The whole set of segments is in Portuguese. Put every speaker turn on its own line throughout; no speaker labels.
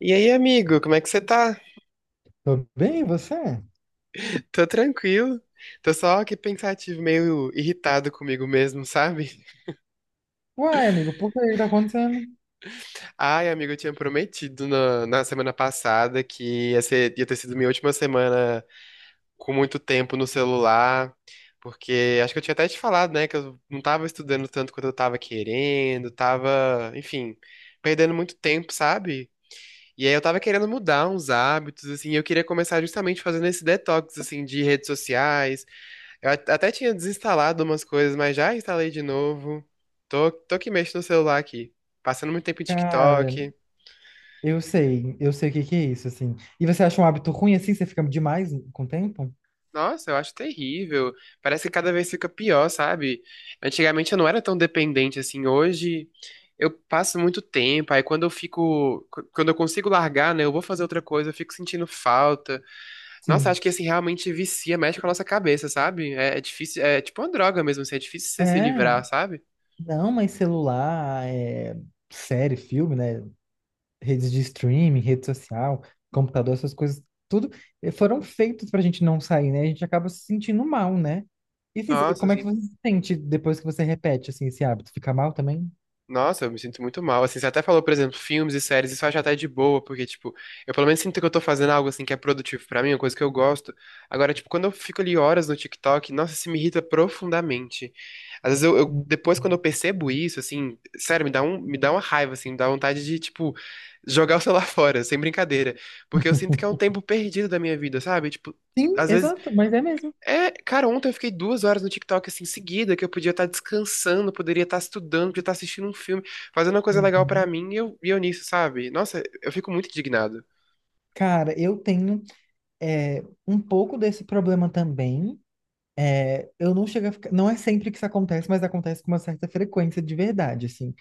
E aí, amigo, como é que você tá?
Tô bem, e você?
Tô tranquilo. Tô só aqui pensativo, meio irritado comigo mesmo, sabe?
Uai, amigo, por que que tá acontecendo?
Ai, amigo, eu tinha prometido na semana passada que ia ter sido minha última semana com muito tempo no celular, porque acho que eu tinha até te falado, né, que eu não tava estudando tanto quanto eu tava querendo, tava, enfim, perdendo muito tempo, sabe? E aí eu tava querendo mudar uns hábitos, assim, e eu queria começar justamente fazendo esse detox, assim, de redes sociais. Até tinha desinstalado umas coisas, mas já instalei de novo. Tô que mexo no celular aqui. Passando muito tempo em
Cara,
TikTok.
eu sei o que que é isso, assim. E você acha um hábito ruim assim? Você fica demais com o tempo?
Nossa, eu acho terrível. Parece que cada vez fica pior, sabe? Antigamente eu não era tão dependente assim. Hoje eu passo muito tempo. Aí quando eu fico. Quando eu consigo largar, né? Eu vou fazer outra coisa, eu fico sentindo falta. Nossa, acho
Sim.
que assim realmente vicia, mexe com a nossa cabeça, sabe? É, é difícil. É tipo uma droga mesmo, assim. É difícil você se
É,
livrar, sabe?
não, mas celular, é, série, filme, né? Redes de streaming, rede social, computador, essas coisas, tudo foram feitos pra gente não sair, né? A gente acaba se sentindo mal, né? E assim,
Nossa,
como é que
assim.
você se sente depois que você repete, assim, esse hábito? Fica mal também?
Nossa, eu me sinto muito mal. Assim, você até falou, por exemplo, filmes e séries, isso eu acho até de boa, porque, tipo, eu pelo menos sinto que eu tô fazendo algo, assim, que é produtivo pra mim, uma coisa que eu gosto. Agora, tipo, quando eu fico ali horas no TikTok, nossa, isso me irrita profundamente. Às vezes, depois, quando eu percebo isso, assim, sério, me dá uma raiva, assim, me dá vontade de, tipo, jogar o celular fora, sem brincadeira. Porque eu sinto que é um tempo perdido da minha vida, sabe? Tipo,
Sim,
às vezes,
exato, mas é mesmo.
é, cara, ontem eu fiquei 2 horas no TikTok assim, seguida, que eu podia estar descansando, poderia estar estudando, podia estar assistindo um filme, fazendo uma coisa legal pra
Uhum.
mim e eu nisso, sabe? Nossa, eu fico muito indignado.
Cara, eu tenho um pouco desse problema também. É, eu não chego a ficar. Não é sempre que isso acontece, mas acontece com uma certa frequência de verdade, assim.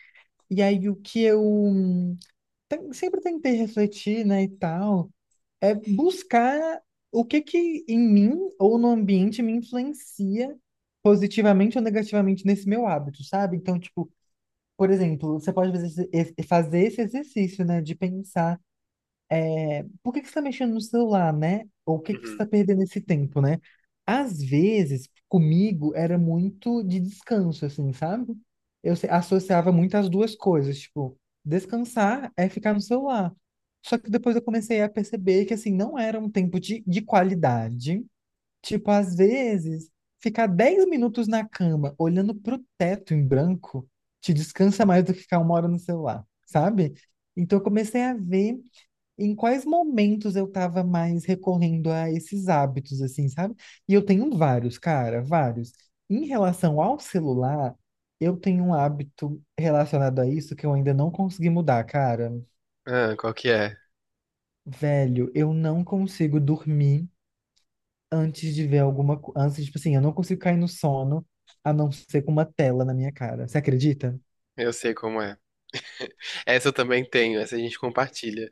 E aí o que eu sempre tentei refletir, né, e tal. É buscar o que que em mim ou no ambiente me influencia positivamente ou negativamente nesse meu hábito, sabe? Então, tipo, por exemplo, você pode fazer fazer esse exercício, né, de pensar por que que você está mexendo no celular, né? Ou o que que você
Uhum.
está perdendo esse tempo, né? Às vezes, comigo, era muito de descanso, assim, sabe? Eu associava muito as duas coisas, tipo, descansar é ficar no celular. Só que depois eu comecei a perceber que, assim, não era um tempo de qualidade. Tipo, às vezes, ficar 10 minutos na cama, olhando pro teto em branco, te descansa mais do que ficar uma hora no celular, sabe? Então, eu comecei a ver em quais momentos eu estava mais recorrendo a esses hábitos, assim, sabe? E eu tenho vários, cara, vários. Em relação ao celular, eu tenho um hábito relacionado a isso que eu ainda não consegui mudar, cara.
Ah, qual que é?
Velho, eu não consigo dormir antes de ver alguma coisa. Antes, tipo assim, eu não consigo cair no sono a não ser com uma tela na minha cara. Você acredita?
Eu sei como é. Essa eu também tenho, essa a gente compartilha.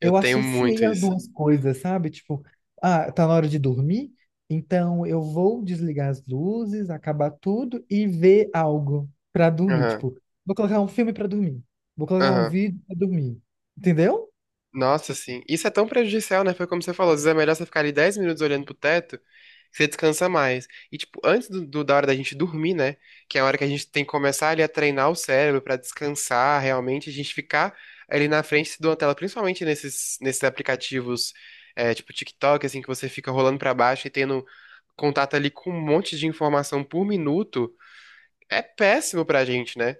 Eu
Eu
tenho muito
associei as
isso.
duas coisas, sabe? Tipo, ah, tá na hora de dormir, então eu vou desligar as luzes, acabar tudo e ver algo pra dormir.
Aham,
Tipo, vou colocar um filme pra dormir, vou colocar um
aham.
vídeo pra dormir, entendeu?
Nossa, sim. Isso é tão prejudicial, né? Foi como você falou, às vezes é melhor você ficar ali 10 minutos olhando pro teto, que você descansa mais. E, tipo, antes da hora da gente dormir, né? Que é a hora que a gente tem que começar ali a treinar o cérebro pra descansar realmente, a gente ficar ali na frente de uma tela, principalmente nesses aplicativos, é, tipo TikTok, assim, que você fica rolando pra baixo e tendo contato ali com um monte de informação por minuto, é péssimo pra gente, né?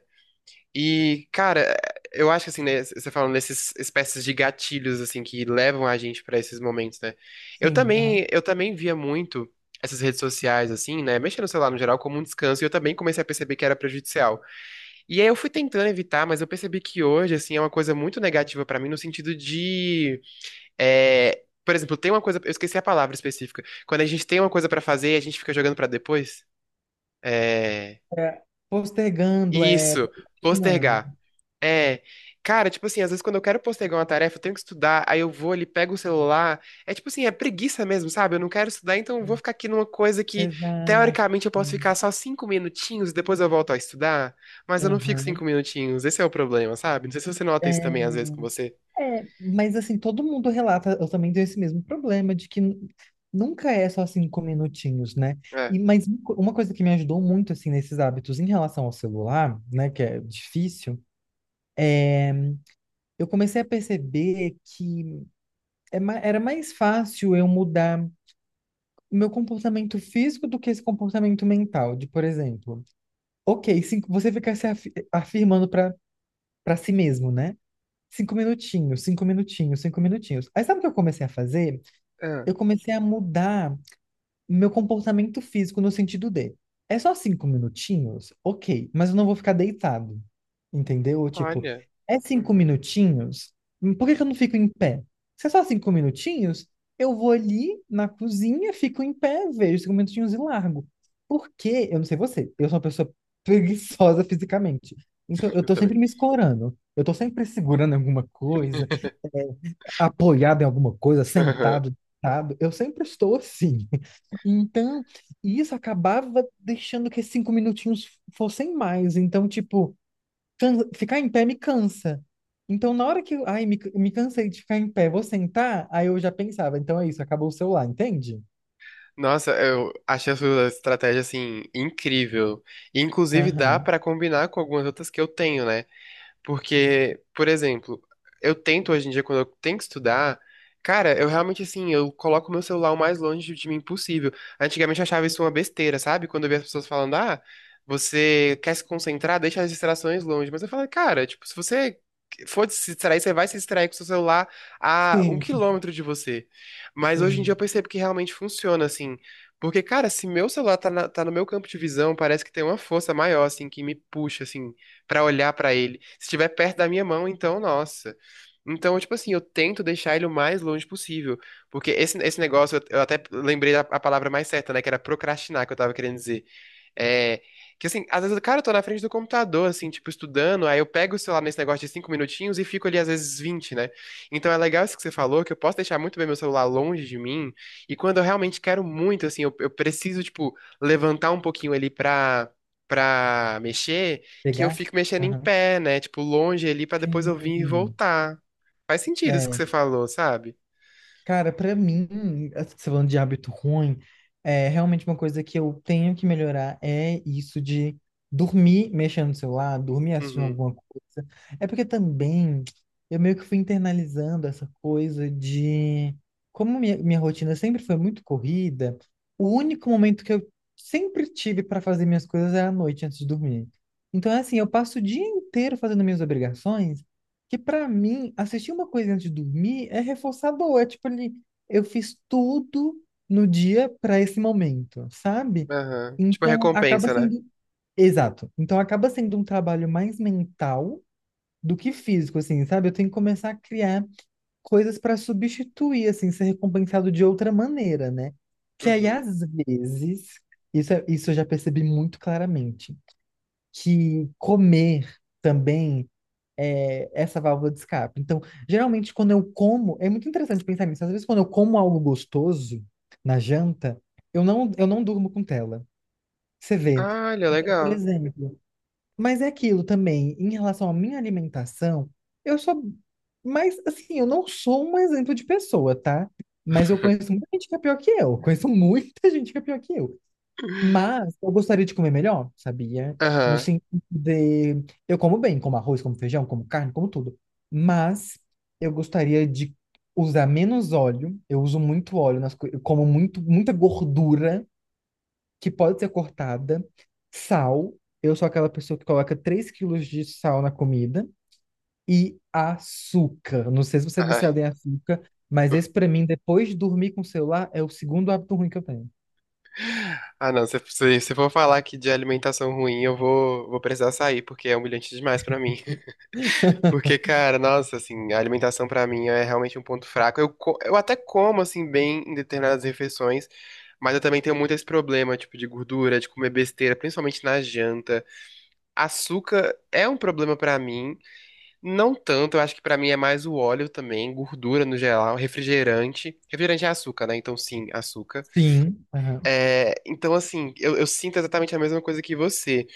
E, cara, eu acho que assim, né, você falando dessas espécies de gatilhos assim que levam a gente pra esses momentos, né?
Sim, aham.
Eu também via muito essas redes sociais assim, né, mexendo no celular no geral como um descanso, e eu também comecei a perceber que era prejudicial. E aí eu fui tentando evitar, mas eu percebi que hoje assim é uma coisa muito negativa pra mim no sentido de é, por exemplo, tem uma coisa, eu esqueci a palavra específica. Quando a gente tem uma coisa pra fazer, a gente fica jogando pra depois. é,
É, postergando, é,
isso,
procrastinando.
postergar. É. Cara, tipo assim, às vezes quando eu quero postergar uma tarefa, eu tenho que estudar, aí eu vou ali, pego o celular. É tipo assim, é preguiça mesmo, sabe? Eu não quero estudar, então eu vou ficar aqui numa coisa que,
Exato.
teoricamente, eu posso ficar só 5 minutinhos, e depois eu volto a estudar. Mas eu não fico
Aham.
5 minutinhos, esse é o problema, sabe? Não sei se você nota isso
É.
também, às vezes, com você.
É, mas assim, todo mundo relata, eu também tenho esse mesmo problema de que nunca é só 5 minutinhos, né? E,
É.
mas uma coisa que me ajudou muito, assim, nesses hábitos em relação ao celular, né, que é difícil, eu comecei a perceber que é era mais fácil eu mudar o meu comportamento físico do que esse comportamento mental, de, por exemplo, ok, cinco, você fica se afi- afirmando para si mesmo, né? Cinco minutinhos, 5 minutinhos, 5 minutinhos. Aí sabe o que eu comecei a fazer?
Ah,
Eu comecei a mudar o meu comportamento físico no sentido de, é só 5 minutinhos? Ok, mas eu não vou ficar deitado, entendeu? Tipo,
olha.
é cinco
Uhum,
minutinhos? Por que que eu não fico em pé? Se é só 5 minutinhos, eu vou ali na cozinha, fico em pé, vejo 5 minutinhos e largo. Porque, eu não sei você, eu sou uma pessoa preguiçosa fisicamente. Então, eu
eu
tô
também.
sempre me escorando. Eu tô sempre segurando alguma coisa apoiado em alguma coisa, sentado, deitado, eu sempre estou assim. Então, isso acabava deixando que esses 5 minutinhos fossem mais. Então, tipo, ficar em pé me cansa. Então, na hora que, ai, me cansei de ficar em pé, vou sentar, aí eu já pensava, então é isso, acabou o celular, entende?
Nossa, eu achei a sua estratégia assim incrível. E, inclusive dá
Aham.
pra combinar com algumas outras que eu tenho, né? Porque, por exemplo, eu tento hoje em dia, quando eu tenho que estudar, cara, eu realmente assim, eu coloco o meu celular o mais longe de mim possível. Antigamente eu achava isso uma besteira, sabe? Quando eu via as pessoas falando, ah, você quer se concentrar, deixa as distrações longe. Mas eu falo, cara, tipo, se você for se distrair, você vai se distrair com o seu celular a um
Sim,
quilômetro de você. Mas hoje em dia
sim.
eu percebo que realmente funciona, assim. Porque, cara, se meu celular tá no meu campo de visão, parece que tem uma força maior, assim, que me puxa, assim pra olhar pra ele. Se estiver perto da minha mão, então, nossa. Então, tipo assim, eu tento deixar ele o mais longe possível. Porque esse negócio, eu até lembrei da a palavra mais certa, né? Que era procrastinar, que eu tava querendo dizer. É, que assim, às vezes, cara, eu tô na frente do computador, assim, tipo, estudando, aí eu pego o celular nesse negócio de 5 minutinhos e fico ali, às vezes, 20, né? Então é legal isso que você falou, que eu posso deixar muito bem meu celular longe de mim, e quando eu realmente quero muito, assim, eu preciso, tipo, levantar um pouquinho ali pra mexer, que eu
Pegar?
fico mexendo em
Aham.
pé, né? Tipo, longe ali pra depois eu vir e
Sim.
voltar. Faz sentido isso que
É.
você falou, sabe?
Cara, pra mim, assim, você falando de hábito ruim, é realmente uma coisa que eu tenho que melhorar é isso de dormir mexendo no celular, dormir assistindo
Uhum.
alguma coisa. É porque também eu meio que fui internalizando essa coisa de como minha rotina sempre foi muito corrida, o único momento que eu sempre tive para fazer minhas coisas era à noite antes de dormir. Então, é assim, eu passo o dia inteiro fazendo minhas obrigações que pra mim, assistir uma coisa antes de dormir é reforçador. É tipo ali, eu fiz tudo no dia pra esse momento, sabe?
Aham. Tipo,
Então acaba
recompensa, né?
sendo. Exato. Então acaba sendo um trabalho mais mental do que físico, assim, sabe? Eu tenho que começar a criar coisas pra substituir, assim, ser recompensado de outra maneira, né? Que aí,
Uhum.
às vezes, isso, isso eu já percebi muito claramente, que comer também é, essa válvula de escape. Então, geralmente, quando eu como, é muito interessante pensar nisso. Às vezes, quando eu como algo gostoso na janta, eu não durmo com tela. Você vê.
Ah, olha,
Então, por
legal.
exemplo. Mas é aquilo também, em relação à minha alimentação, eu sou. Mas, assim, eu não sou um exemplo de pessoa, tá? Mas eu conheço muita gente que é pior que eu. Conheço muita gente que é pior que eu. Mas eu gostaria de comer melhor, sabia? No
Aham.
sentido de. Eu como bem, como arroz, como feijão, como carne, como tudo. Mas eu gostaria de usar menos óleo. Eu uso muito óleo nas coisas. Eu como muito, muita gordura que pode ser cortada. Sal. Eu sou aquela pessoa que coloca 3 quilos de sal na comida. E açúcar. Não sei se você é
Ai.
viciado em açúcar, mas esse pra mim, depois de dormir com o celular, é o segundo hábito ruim que eu tenho.
Ah, não, se for falar aqui de alimentação ruim, vou precisar sair, porque é humilhante demais pra mim. Porque, cara, nossa, assim, a alimentação pra mim é realmente um ponto fraco. Eu até como, assim, bem em determinadas refeições, mas eu também tenho muito esse problema, tipo, de gordura, de comer besteira, principalmente na janta. Açúcar é um problema pra mim, não tanto, eu acho que pra mim é mais o óleo também, gordura no geral, refrigerante. Refrigerante é açúcar, né? Então, sim, açúcar.
Sim. Aham.
É, então, assim, eu sinto exatamente a mesma coisa que você.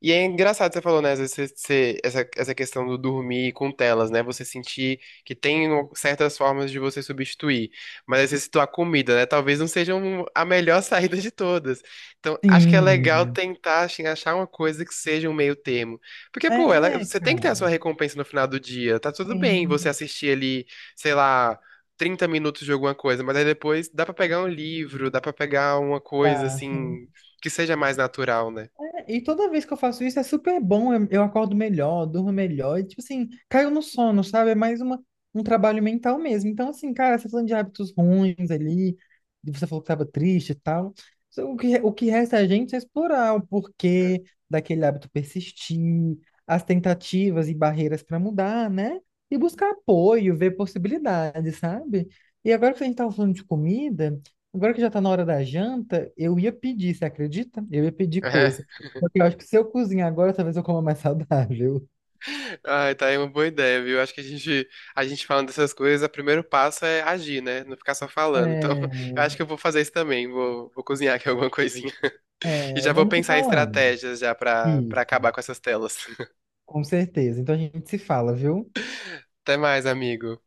E é engraçado você falou, né? Às vezes essa, essa questão do dormir com telas, né? Você sentir que tem certas formas de você substituir. Mas às vezes citou a comida, né? Talvez não seja a melhor saída de todas. Então, acho que é legal
Sim.
tentar assim, achar uma coisa que seja um meio termo. Porque, pô,
É,
você tem que ter a sua
cara.
recompensa no final do dia. Tá tudo bem você
Sim,
assistir ali, sei lá. 30 minutos de alguma coisa, mas aí depois dá pra pegar um livro, dá pra pegar uma coisa
dá, sim.
assim que seja mais natural, né?
E toda vez que eu faço isso é super bom, eu acordo melhor, durmo melhor, e tipo assim, caiu no sono, sabe? É mais uma, um trabalho mental mesmo. Então, assim, cara, você tá falando de hábitos ruins ali, e você falou que tava triste e tal. O que resta a gente é explorar o porquê daquele hábito persistir, as tentativas e barreiras para mudar, né? E buscar apoio, ver possibilidades, sabe? E agora que a gente tava falando de comida, agora que já tá na hora da janta, eu ia pedir, você acredita? Eu ia pedir coisa. Porque eu acho que se eu cozinhar agora, talvez eu coma mais saudável.
Ai, tá aí uma boa ideia, viu? Acho que a gente falando dessas coisas, o primeiro passo é agir, né? Não ficar só falando. Então,
É,
eu acho que eu vou fazer isso também. Vou cozinhar aqui alguma coisinha. E
é,
já vou
vamos se
pensar em
falando.
estratégias já pra
Isso,
acabar com essas telas.
com certeza. Então a gente se fala, viu?
Até mais, amigo.